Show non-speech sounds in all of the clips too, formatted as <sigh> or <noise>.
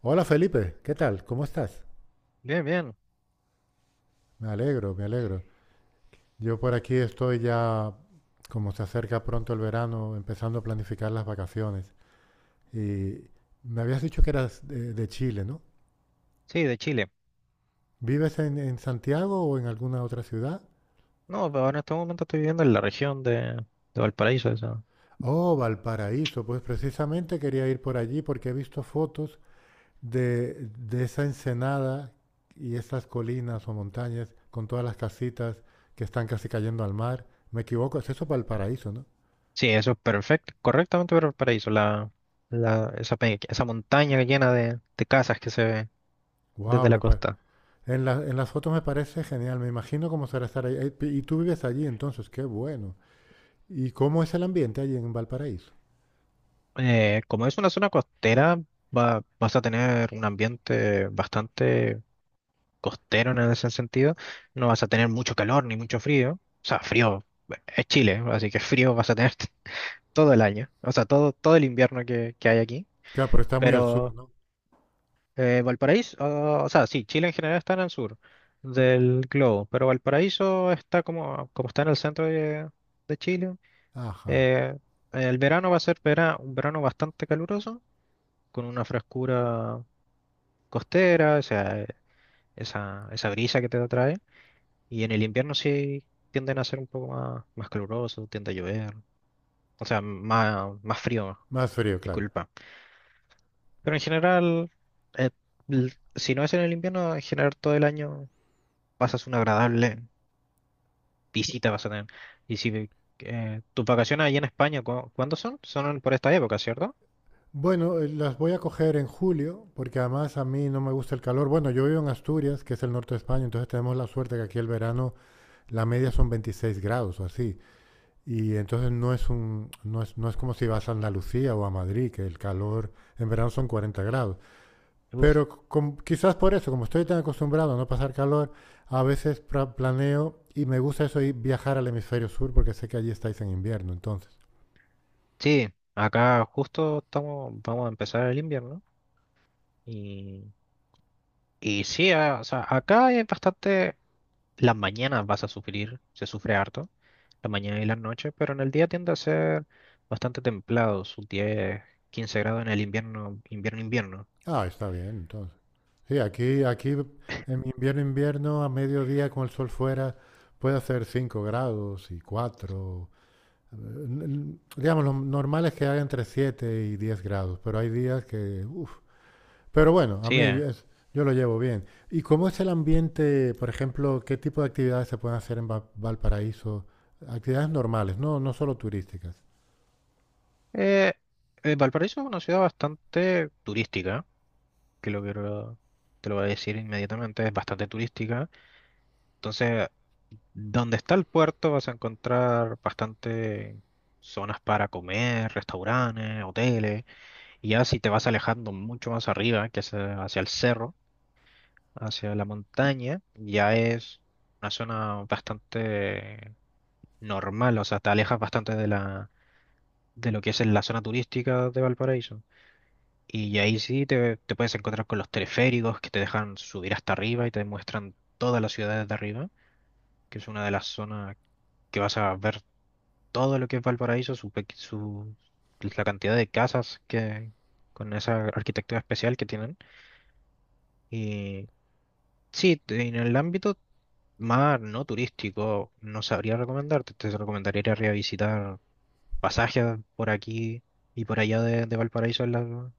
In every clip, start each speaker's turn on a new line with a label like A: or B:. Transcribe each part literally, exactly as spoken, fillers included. A: Hola Felipe, ¿qué tal? ¿Cómo estás?
B: Bien, bien.
A: Me alegro, me alegro. Yo por aquí estoy ya, como se acerca pronto el verano, empezando a planificar las vacaciones. Y me habías dicho que eras de, de Chile, ¿no?
B: Sí, de Chile.
A: ¿Vives en, en Santiago o en alguna otra ciudad?
B: No, pero en este momento estoy viviendo en la región de, de Valparaíso. Eso.
A: Oh, Valparaíso, pues precisamente quería ir por allí porque he visto fotos de, de esa ensenada y esas colinas o montañas con todas las casitas que están casi cayendo al mar. Me equivoco, es eso Valparaíso, ¿no?
B: Sí, eso es perfecto, correctamente Valparaíso. La, la, esa, pe- esa montaña llena de, de casas que se ve desde
A: Wow.
B: la costa.
A: En, la- en las fotos me parece genial, me imagino cómo será estar ahí. Eh, Y tú vives allí entonces, qué bueno. ¿Y cómo es el ambiente allí en Valparaíso?
B: Eh, como es una zona costera, va, vas a tener un ambiente bastante costero en ese sentido. No vas a tener mucho calor ni mucho frío. O sea, frío, eh, es Chile, así que frío vas a tener <laughs> todo el año. O sea, todo, todo el invierno que, que hay aquí.
A: Claro, pero está muy al sur,
B: pero
A: ¿no?
B: Eh, Valparaíso, ah, o sea, sí, Chile en general está en el sur del globo, pero Valparaíso está como, como está en el centro de, de Chile.
A: Ajá.
B: eh, el verano va a ser vera- un verano bastante caluroso, con una frescura costera, o sea, eh, esa, esa brisa que te atrae. Y en el invierno sí tienden a ser un poco más, más caluroso, tiende a llover, o sea, más, más frío,
A: Más frío, claro.
B: disculpa. Pero en general, eh, l- si no es en el invierno, en general todo el año pasas una agradable visita, vas a tener. Y si, eh, tus vacaciones allá en España, ¿cu- ¿cuándo son? Son por esta época, ¿cierto?
A: Bueno, eh, las voy a coger en julio, porque además a mí no me gusta el calor. Bueno, yo vivo en Asturias, que es el norte de España, entonces tenemos la suerte que aquí el verano la media son veintiséis grados o así. Y entonces no es un, no es, no es como si vas a Andalucía o a Madrid, que el calor en verano son cuarenta grados.
B: Uf,
A: Pero com- quizás por eso, como estoy tan acostumbrado a no pasar calor, a veces pra- planeo y me gusta eso ir viajar al hemisferio sur porque sé que allí estáis en invierno, entonces.
B: sí, acá justo estamos, vamos a empezar el invierno. Y, y sí, ah, o sea, acá es bastante, las mañanas vas a sufrir, se sufre harto, la mañana y las noches, pero en el día tiende a ser bastante templado, sus diez, quince grados en el invierno, invierno, invierno.
A: Ah, está bien, entonces. Sí, aquí, aquí en invierno, invierno, a mediodía con el sol fuera, puede hacer cinco grados y cuatro. Digamos, lo normal es que haga entre siete y diez grados, pero hay días que, uf. Pero bueno, a
B: Sí,
A: mí
B: eh.
A: es- yo lo llevo bien. ¿Y cómo es el ambiente, por ejemplo, qué tipo de actividades se pueden hacer en Va- Valparaíso? Actividades normales, no, no solo turísticas.
B: Eh, eh, Valparaíso es una ciudad bastante turística, que lo quiero, te lo voy a decir inmediatamente, es bastante turística. Entonces, donde está el puerto vas a encontrar bastante zonas para comer, restaurantes, hoteles. Y ya si te vas alejando mucho más arriba, que es, eh, hacia el cerro, hacia la montaña, ya es una zona bastante normal, o sea, te alejas bastante de la, de lo que es la zona turística de Valparaíso. Y ahí sí te, te puedes encontrar con los teleféricos que te dejan subir hasta arriba y te muestran todas las ciudades de arriba, que es una de las zonas que vas a ver todo lo que es Valparaíso, su, pe- su- la cantidad de casas que con esa arquitectura especial que tienen. Y sí, te- en el ámbito más no turístico no sabría recomendarte, te recomendaría ir a revisitar pasajes por aquí y por allá de, de Valparaíso. en, la-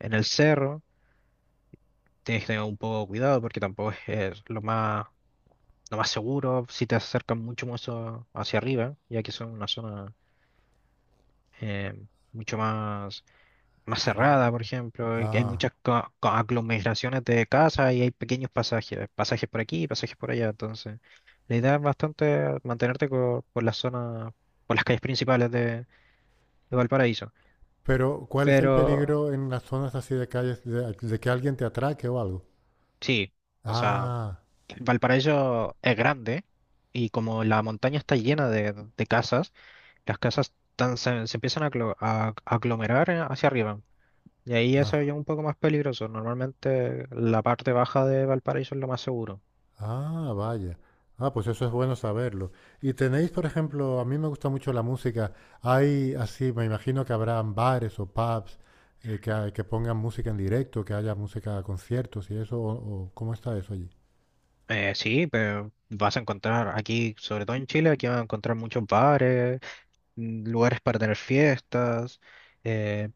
B: En el cerro tienes que tener un poco de cuidado porque tampoco es, eh, lo más, lo más seguro si te acercan mucho más a- hacia arriba, ya que son una zona, eh, mucho más, más cerrada, por ejemplo, y que hay
A: Ah,
B: muchas co- co- aglomeraciones de casas y hay pequeños pasajes, pasajes por aquí, pasajes por allá. Entonces la idea es bastante mantenerte co- por, las zonas, por las calles principales de, de Valparaíso,
A: pero ¿cuál es el
B: pero
A: peligro en las zonas así de calles de, de que alguien te atraque o algo?
B: sí, o sea,
A: Ah,
B: Valparaíso es grande y como la montaña está llena de, de casas. Las casas tan- se, se empiezan a, aglo- a- a aglomerar, eh, hacia arriba. Y ahí ya se ve
A: ah.
B: ya un poco más peligroso. Normalmente la parte baja de Valparaíso es lo más seguro.
A: Ah, vaya. Ah, pues eso es bueno saberlo. Y tenéis, por ejemplo, a mí me gusta mucho la música. Hay así, me imagino que habrán bares o pubs eh, que, ha- que pongan música en directo, que haya música, conciertos y eso. O, o- ¿cómo está eso allí?
B: Eh, sí, pero vas a encontrar aquí, sobre todo en Chile, aquí vas a encontrar muchos bares, mm, lugares para tener fiestas, eh,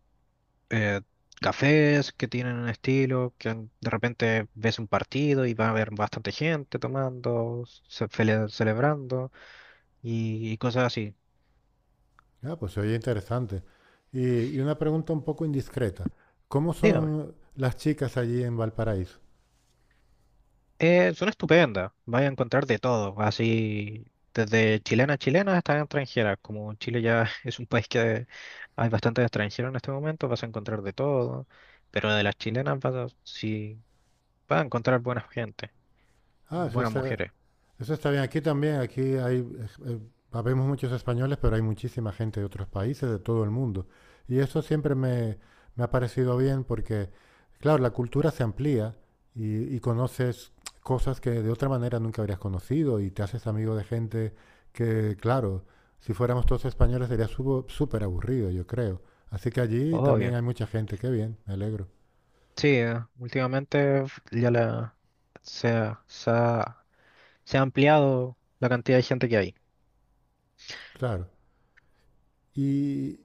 B: eh, cafés que tienen un estilo, que en- de repente ves un partido y va a haber bastante gente tomando, ce- cele- celebrando y, y cosas así.
A: Ah, pues se oye interesante. Y, y una pregunta un poco indiscreta. ¿Cómo son las chicas allí en Valparaíso?
B: Eh, son estupendas, vas a encontrar de todo, así desde chilenas chilenas hasta extranjeras. Como Chile ya <laughs> es un país que hay bastantes extranjeros en este momento, vas a encontrar de todo, pero de las chilenas vas a, sí, vas a encontrar buena gente,
A: Ah, eso
B: buenas
A: es.
B: mujeres,
A: Eso está bien. Aquí también, aquí hay, eh, eh, habemos muchos españoles, pero hay muchísima gente de otros países, de todo el mundo. Y eso siempre me, me ha parecido bien porque, claro, la cultura se amplía y, y conoces cosas que de otra manera nunca habrías conocido y te haces amigo de gente que, claro, si fuéramos todos españoles sería subo- súper aburrido, yo creo. Así que allí también
B: obvio.
A: hay mucha gente. Qué bien, me alegro.
B: Sí, eh, últimamente f- ya la, se, ha, se ha se ha ampliado la cantidad de gente que hay.
A: Claro. Y,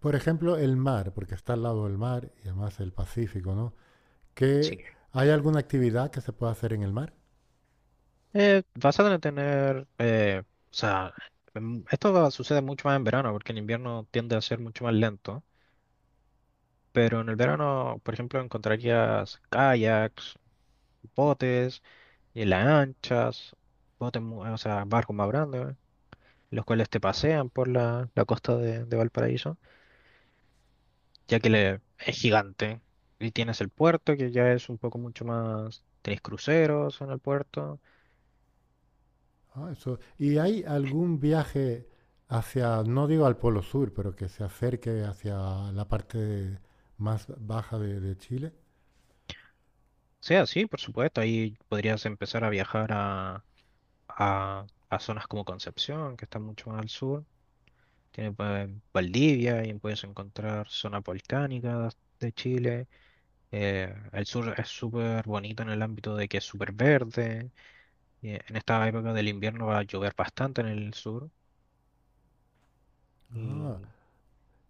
A: por ejemplo, el mar, porque está al lado del mar y además el Pacífico, ¿no?
B: Sí.
A: Que hay alguna actividad que se pueda hacer en el mar.
B: Eh, vas a tener, eh, o sea, em, esto va- sucede mucho más en verano, porque en invierno tiende a ser mucho más lento, pero en el verano, por ejemplo, encontrarías kayaks, botes y lanchas, botes, mu- o sea, barcos más grandes, los cuales te pasean por la, la costa de, de Valparaíso, ya que le- es gigante, y tienes el puerto, que ya es un poco mucho más, tienes cruceros en el puerto.
A: Ah, eso. ¿Y hay algún viaje hacia, no digo al Polo Sur, pero que se acerque hacia la parte más baja de, de Chile?
B: O sea, sí, por supuesto, ahí podrías empezar a viajar a a, a zonas como Concepción, que está mucho más al sur. Tiene, eh, Valdivia, y puedes encontrar zonas volcánicas de Chile. Eh, el sur es súper bonito en el ámbito de que es súper verde. Y en esta época del invierno va a llover bastante en el sur.
A: Ah,
B: Y,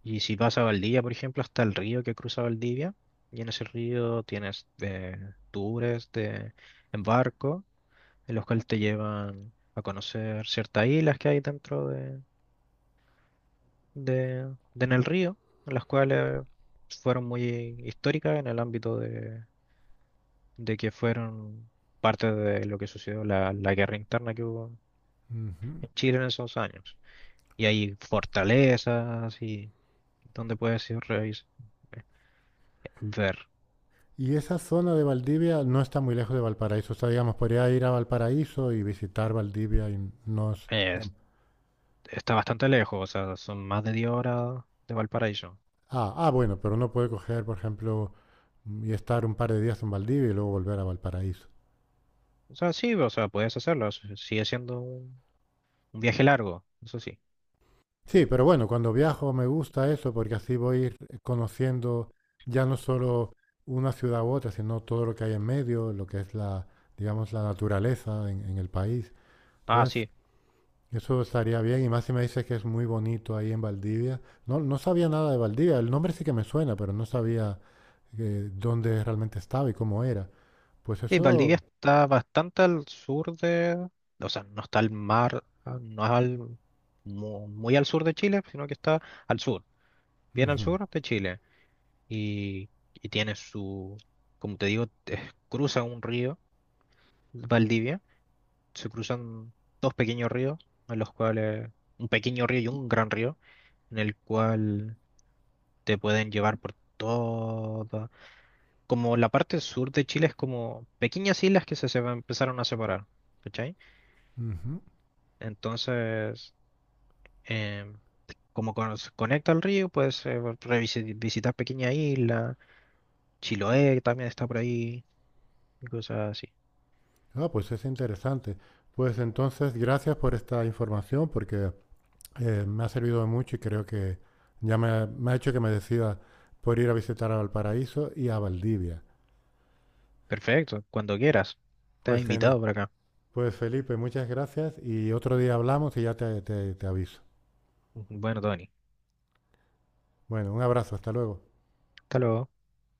B: y si vas a Valdivia, por ejemplo, hasta el río que cruza Valdivia. Y en ese río tienes, eh, tours de, en barco, en los cuales te llevan a conocer ciertas islas que hay dentro de de, de en el río, las cuales fueron muy históricas en el ámbito de, de que fueron parte de lo que sucedió la, la guerra interna que hubo
A: ujú.
B: en Chile en esos años. Y hay fortalezas y donde puedes ir revis- ver.
A: Y esa zona de Valdivia no está muy lejos de Valparaíso. O sea, digamos, podría ir a Valparaíso y visitar Valdivia y no es...
B: Es- Está bastante lejos, o sea, son más de diez horas de Valparaíso.
A: Ah, ah, bueno, pero uno puede coger, por ejemplo, y estar un par de días en Valdivia y luego volver a Valparaíso.
B: O sea, sí, o sea, puedes hacerlo, s- sigue siendo un, un viaje largo, eso sí.
A: Sí, pero bueno, cuando viajo me gusta eso porque así voy conociendo ya no solo una ciudad u otra, sino todo lo que hay en medio, lo que es la, digamos, la naturaleza en, en el país.
B: Ah,
A: Entonces,
B: sí,
A: eso estaría bien. Y más si me dices que es muy bonito ahí en Valdivia. No, no sabía nada de Valdivia. El nombre sí que me suena, pero no sabía eh, dónde realmente estaba y cómo era. Pues
B: sí,
A: eso...
B: Valdivia está bastante al sur de, o sea, no está al mar, ah, no es al, mu- muy, al sur de Chile, sino que está al sur, bien al
A: Ujú,
B: sur de Chile. Y, y tiene su, como te digo, <laughs> te- cruza un río, Valdivia, se cruzan dos pequeños ríos, en los cuales, un pequeño río y un gran río, en el cual te pueden llevar por toda, como la parte sur de Chile es como pequeñas islas que se, se empezaron a separar. ¿Cachai?
A: ujú.
B: Entonces, em, como cono- se conecta al río, puedes, eh, revisi- visitar pequeña isla. Chiloé también está por ahí y cosas así.
A: Ah, pues es interesante. Pues entonces, gracias por esta información porque eh, me ha servido de mucho y creo que ya me ha, me ha hecho que me decida por ir a visitar a Valparaíso y a Valdivia.
B: Perfecto, cuando quieras. Estás
A: Pues, Gene-
B: invitado por acá.
A: pues Felipe, muchas gracias y otro día hablamos y ya te- te- te aviso.
B: Bueno, Tony,
A: Bueno, un abrazo, hasta luego.
B: hasta luego.